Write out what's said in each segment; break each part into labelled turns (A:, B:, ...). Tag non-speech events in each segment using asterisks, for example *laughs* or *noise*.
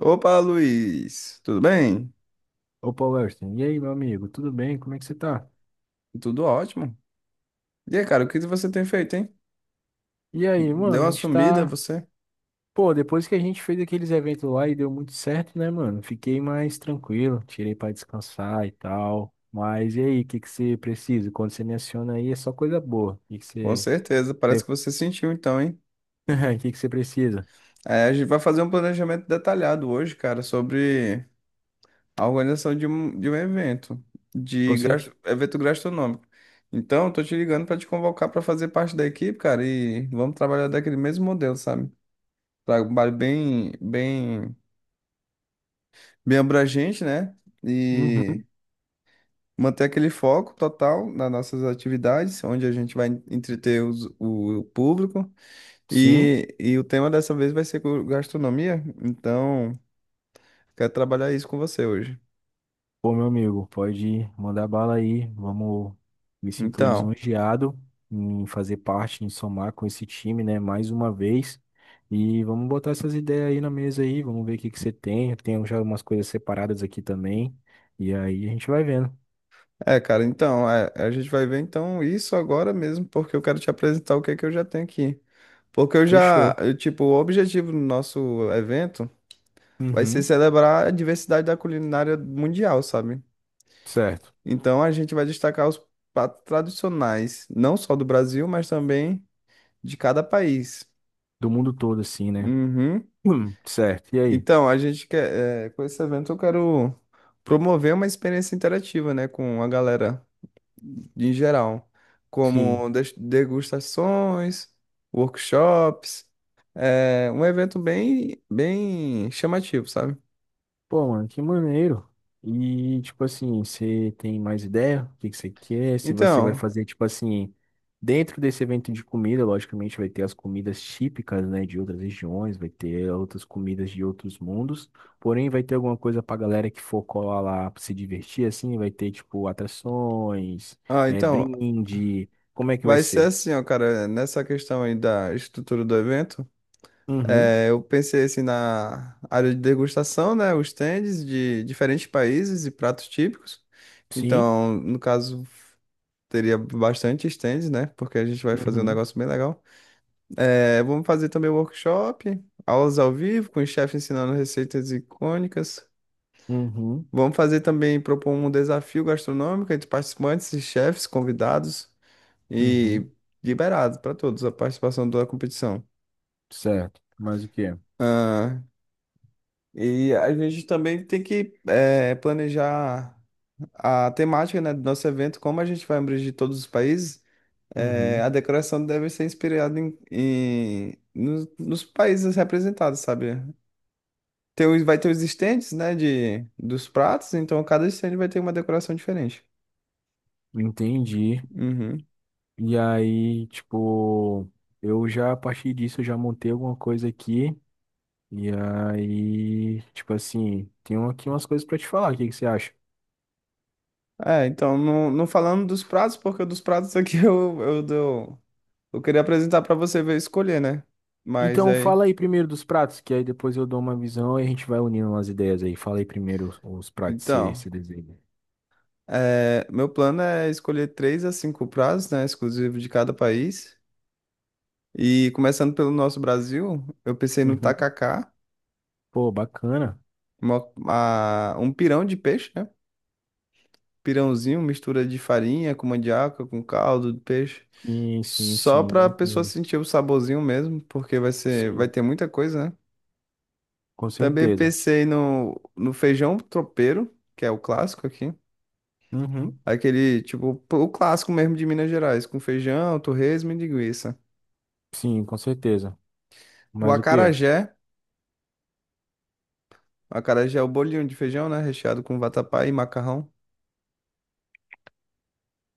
A: Opa, Luiz, tudo bem?
B: Opa, Welston. E aí, meu amigo, tudo bem? Como é que você tá?
A: Tudo ótimo. E aí, cara, o que você tem feito, hein?
B: E aí, mano,
A: Deu
B: a
A: uma
B: gente
A: sumida,
B: tá.
A: você?
B: Pô, depois que a gente fez aqueles eventos lá e deu muito certo, né, mano? Fiquei mais tranquilo, tirei pra descansar e tal. Mas e aí, o que que você precisa? Quando você me aciona aí, é só coisa boa. O que que
A: Com
B: você.
A: certeza, parece que você sentiu então, hein?
B: *laughs* O que que você precisa?
A: É, a gente vai fazer um planejamento detalhado hoje, cara, sobre a organização de um evento,
B: Com cer-
A: evento gastronômico. Então, eu tô te ligando pra te convocar pra fazer parte da equipe, cara, e vamos trabalhar daquele mesmo modelo, sabe? Trabalho bem abrangente, né? E
B: Uhum.
A: manter aquele foco total nas nossas atividades, onde a gente vai entreter o público.
B: Sim.
A: E o tema dessa vez vai ser gastronomia, então quero trabalhar isso com você hoje.
B: Pô, meu amigo, pode mandar bala aí. Vamos, me sinto
A: Então,
B: lisonjeado em fazer parte, em somar com esse time, né, mais uma vez. E vamos botar essas ideias aí na mesa aí, vamos ver o que que você tem. Eu tenho já umas coisas separadas aqui também. E aí a gente vai vendo.
A: é, cara, então, é, a gente vai ver então isso agora mesmo, porque eu quero te apresentar o que é que eu já tenho aqui. Porque
B: Fechou.
A: tipo, o objetivo do nosso evento vai ser
B: Uhum.
A: celebrar a diversidade da culinária mundial, sabe?
B: Certo.
A: Então a gente vai destacar os pratos tradicionais, não só do Brasil, mas também de cada país.
B: Do mundo todo, assim, né?
A: Uhum.
B: *clears throat* Certo. E aí?
A: Então, a gente quer, é, com esse evento eu quero promover uma experiência interativa, né, com a galera em geral,
B: Sim.
A: como degustações, workshops, é um evento bem chamativo, sabe?
B: Pô, mano, que maneiro. E, tipo assim, você tem mais ideia do que você quer? Se você vai
A: Então,
B: fazer, tipo assim, dentro desse evento de comida, logicamente vai ter as comidas típicas, né, de outras regiões, vai ter outras comidas de outros mundos. Porém, vai ter alguma coisa pra galera que for colar lá pra se divertir, assim, vai ter, tipo, atrações,
A: ah,
B: é,
A: então
B: brinde. Como é que vai
A: vai ser
B: ser?
A: assim, ó, cara, nessa questão aí da estrutura do evento.
B: Uhum,
A: É, eu pensei assim na área de degustação, né? Os stands de diferentes países e pratos típicos.
B: sim.
A: Então, no caso, teria bastante stands, né? Porque a gente vai fazer um
B: Uhum,
A: negócio bem legal. É, vamos fazer também workshop, aulas ao vivo, com o chefe ensinando receitas icônicas.
B: uhum,
A: Vamos fazer também, propor um desafio gastronômico entre participantes e chefes convidados e
B: uhum.
A: liberado para todos a participação da competição.
B: Certo. Mas o quê?
A: E a gente também tem que planejar a temática, né, do nosso evento, como a gente vai abranger todos os países, a
B: Uhum.
A: decoração deve ser inspirada nos países representados, sabe? Tem, vai ter os estandes, né, de, dos pratos, então cada estande vai ter uma decoração diferente.
B: Entendi.
A: Uhum.
B: E aí, tipo, eu já a partir disso eu já montei alguma coisa aqui. E aí, tipo assim, tenho aqui umas coisas pra te falar. O que que você acha?
A: É, então, não, não falando dos pratos, porque dos pratos aqui *laughs* eu queria apresentar para você ver e escolher, né? Mas
B: Então,
A: aí,
B: fala aí primeiro dos pratos, que aí depois eu dou uma visão e a gente vai unindo umas ideias aí. Fala aí primeiro os pratos que você
A: então...
B: você desenha.
A: É, meu plano é escolher três a cinco prazos, né, exclusivo de cada país. E começando pelo nosso Brasil, eu pensei no
B: Uhum.
A: tacacá,
B: Pô, bacana.
A: um pirão de peixe, né? Pirãozinho, mistura de farinha com mandioca, com caldo de peixe.
B: Sim, sim,
A: Só
B: sim.
A: para
B: Eu
A: a pessoa
B: entendo.
A: sentir o saborzinho mesmo, porque vai ser, vai
B: Sim,
A: ter muita coisa, né?
B: com
A: Também
B: certeza.
A: pensei no feijão tropeiro, que é o clássico aqui.
B: Uhum.
A: Aquele, tipo, o clássico mesmo de Minas Gerais, com feijão, torresmo e linguiça.
B: Sim, com certeza.
A: O
B: Mas o quê?
A: acarajé. O acarajé é o bolinho de feijão, né? Recheado com vatapá e macarrão.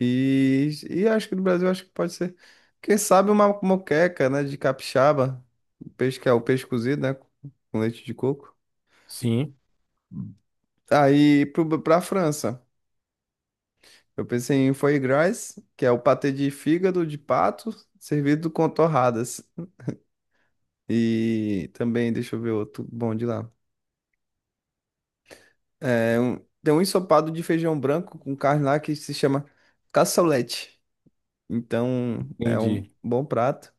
A: E acho que no Brasil acho que pode ser. Quem sabe uma moqueca, né? De capixaba. O peixe que é o peixe cozido, né? Com leite de coco.
B: Sim,
A: Pra França. Eu pensei em foie gras, que é o patê de fígado de pato, servido com torradas. E também, deixa eu ver outro bom de lá. É, tem um ensopado de feijão branco com carne lá que se chama cassoulet. Então é um
B: entendi.
A: bom prato.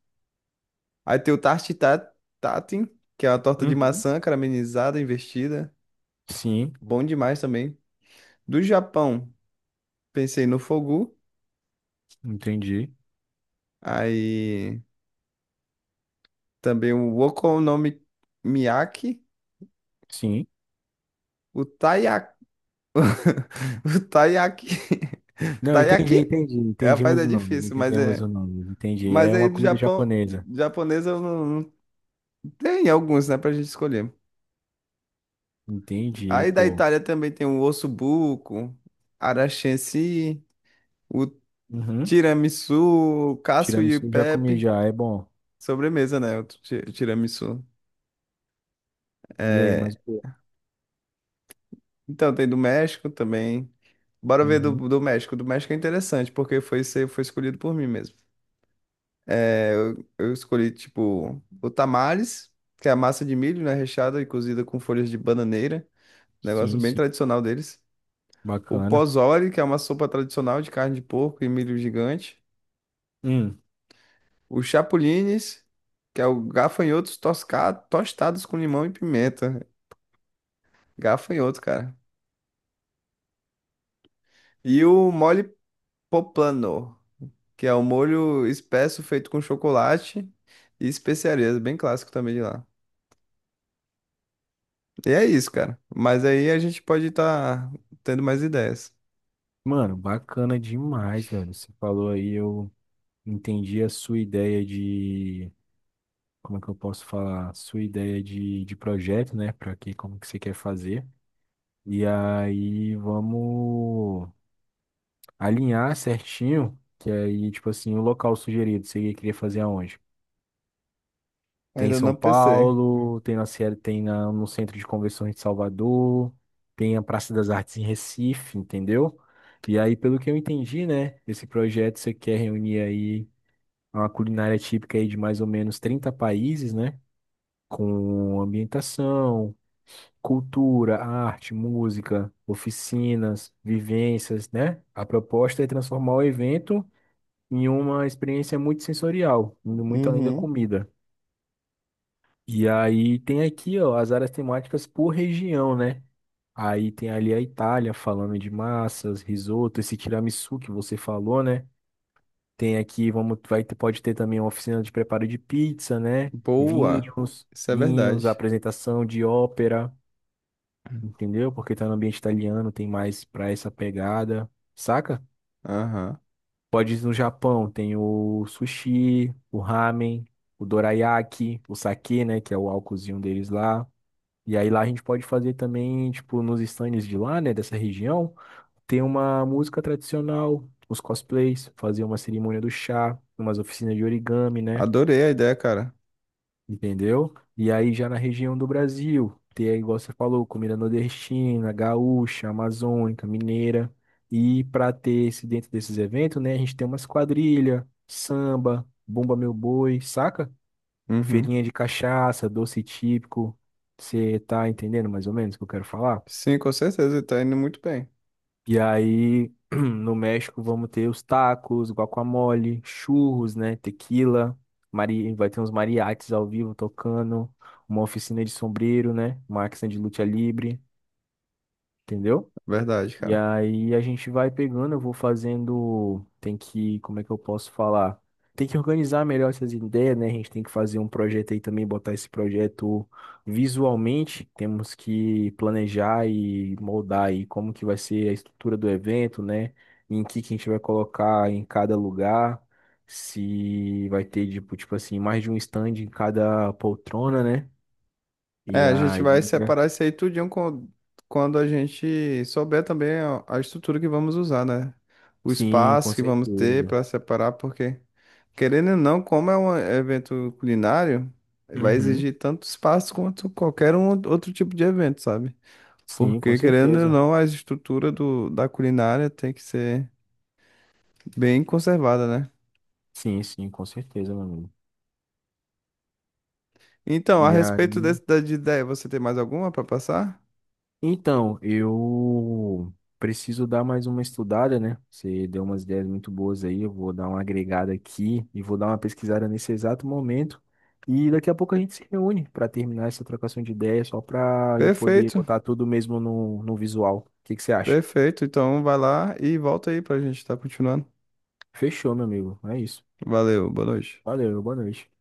A: Aí tem o tatin, que é uma torta de
B: Uhum.
A: maçã caramelizada, investida.
B: Sim,
A: Bom demais também. Do Japão, pensei no fogu.
B: entendi.
A: Aí também o okonomiyaki,
B: Sim.
A: o taiyaki. *laughs* O taiyaki.
B: Não, entendi,
A: Taiyaki?
B: entendi.
A: Rapaz,
B: Entendimos
A: é
B: o nome,
A: difícil, mas
B: entendemos
A: é.
B: o nome, entendi.
A: Mas
B: É
A: aí
B: uma
A: do
B: comida
A: Japão,
B: japonesa.
A: japonesa eu não não- tem alguns, né, pra gente escolher.
B: Entendi,
A: Aí da
B: pô.
A: Itália também tem o osso buco, aranchensi, o
B: Uhum.
A: tiramisu, o Cassio e
B: Tiramisu já comi
A: Pepe,
B: já, é bom.
A: sobremesa, né? O tiramisu.
B: E aí,
A: É,
B: mas pô.
A: então tem do México também. Bora ver
B: Uhum.
A: do México. Do México é interessante, porque foi escolhido por mim mesmo. Eu escolhi, tipo, o tamales, que é a massa de milho, né? Recheada e cozida com folhas de bananeira. Negócio
B: Sim,
A: bem
B: sim.
A: tradicional deles. O
B: Bacana.
A: pozole, que é uma sopa tradicional de carne de porco e milho gigante.
B: Hum.
A: Os chapulines, que é o gafanhotos tostados com limão e pimenta. Gafanhoto, cara. E o mole poplano, que é o molho espesso feito com chocolate e especiarias, bem clássico também de lá. E é isso, cara. Mas aí a gente pode estar tendo mais ideias.
B: Mano, bacana demais, velho. Você falou aí, eu entendi a sua ideia de. Como é que eu posso falar? Sua ideia de projeto, né? Pra que, como que você quer fazer. E aí, vamos. Alinhar certinho, que aí, tipo assim, o local sugerido, você queria fazer aonde? Tem em
A: Ainda
B: São
A: não pensei.
B: Paulo, tem na Sierra, tem na, no Centro de Convenções de Salvador, tem a Praça das Artes em Recife, entendeu? E aí, pelo que eu entendi, né, esse projeto você quer reunir aí uma culinária típica aí de mais ou menos 30 países, né, com ambientação, cultura, arte, música, oficinas, vivências, né? A proposta é transformar o evento em uma experiência muito sensorial, indo muito além da
A: Uhum.
B: comida. E aí tem aqui, ó, as áreas temáticas por região, né? Aí tem ali a Itália, falando de massas, risoto, esse tiramisu que você falou, né? Tem aqui, vamos, vai, ter- pode ter também uma oficina de preparo de pizza, né?
A: Boa.
B: Vinhos,
A: Isso é
B: vinhos,
A: verdade.
B: apresentação de ópera, entendeu? Porque tá no ambiente italiano, tem mais pra essa pegada, saca?
A: Aham.
B: Pode ir no Japão, tem o sushi, o ramen, o dorayaki, o sake, né, que é o álcoolzinho deles lá. E aí lá a gente pode fazer também, tipo, nos stands de lá, né, dessa região, tem uma música tradicional, os cosplays, fazer uma cerimônia do chá, umas oficinas de origami, né?
A: Adorei a ideia, cara.
B: Entendeu? E aí já na região do Brasil, ter, aí, igual você falou, comida nordestina, gaúcha, amazônica, mineira. E para ter esse dentro desses eventos, né, a gente tem umas quadrilha, samba, bumba meu boi, saca?
A: Uhum.
B: Feirinha de cachaça, doce típico. Você tá entendendo mais ou menos o que eu quero falar?
A: Sim, com certeza. Tá indo muito bem.
B: E aí, *clears throat* no México, vamos ter os tacos, guacamole, churros, né? Tequila, mari... vai ter uns mariachis ao vivo tocando, uma oficina de sombreiro, né? Uma de luta livre, entendeu?
A: Verdade,
B: E
A: cara.
B: aí a gente vai pegando, eu vou fazendo, tem que, como é que eu posso falar? Tem que organizar melhor essas ideias, né? A gente tem que fazer um projeto aí também, botar esse projeto visualmente. Temos que planejar e moldar aí como que vai ser a estrutura do evento, né? Em que a gente vai colocar em cada lugar, se vai ter tipo, tipo assim, mais de um stand em cada poltrona, né? E
A: É, a gente
B: aí,
A: vai separar isso aí tudinho com- quando a gente souber também a estrutura que vamos usar, né? O
B: sim, com
A: espaço que vamos ter
B: certeza.
A: para separar, porque, querendo ou não, como é um evento culinário, vai
B: Uhum.
A: exigir tanto espaço quanto qualquer um outro tipo de evento, sabe?
B: Sim, com
A: Porque, querendo ou
B: certeza.
A: não, a estrutura da culinária tem que ser bem conservada, né?
B: Sim, sim, com certeza, meu amigo.
A: Então, a
B: E
A: respeito
B: aí,
A: desse, da de ideia, você tem mais alguma para passar?
B: então, eu preciso dar mais uma estudada, né? Você deu umas ideias muito boas aí, eu vou dar uma agregada aqui e vou dar uma pesquisada nesse exato momento. E daqui a pouco a gente se reúne para terminar essa trocação de ideias, só para eu poder
A: Perfeito.
B: botar tudo mesmo no, no visual. O que que você acha?
A: Perfeito, então vai lá e volta aí pra gente estar continuando.
B: Fechou, meu amigo. É isso.
A: Valeu, boa noite.
B: Valeu, boa noite.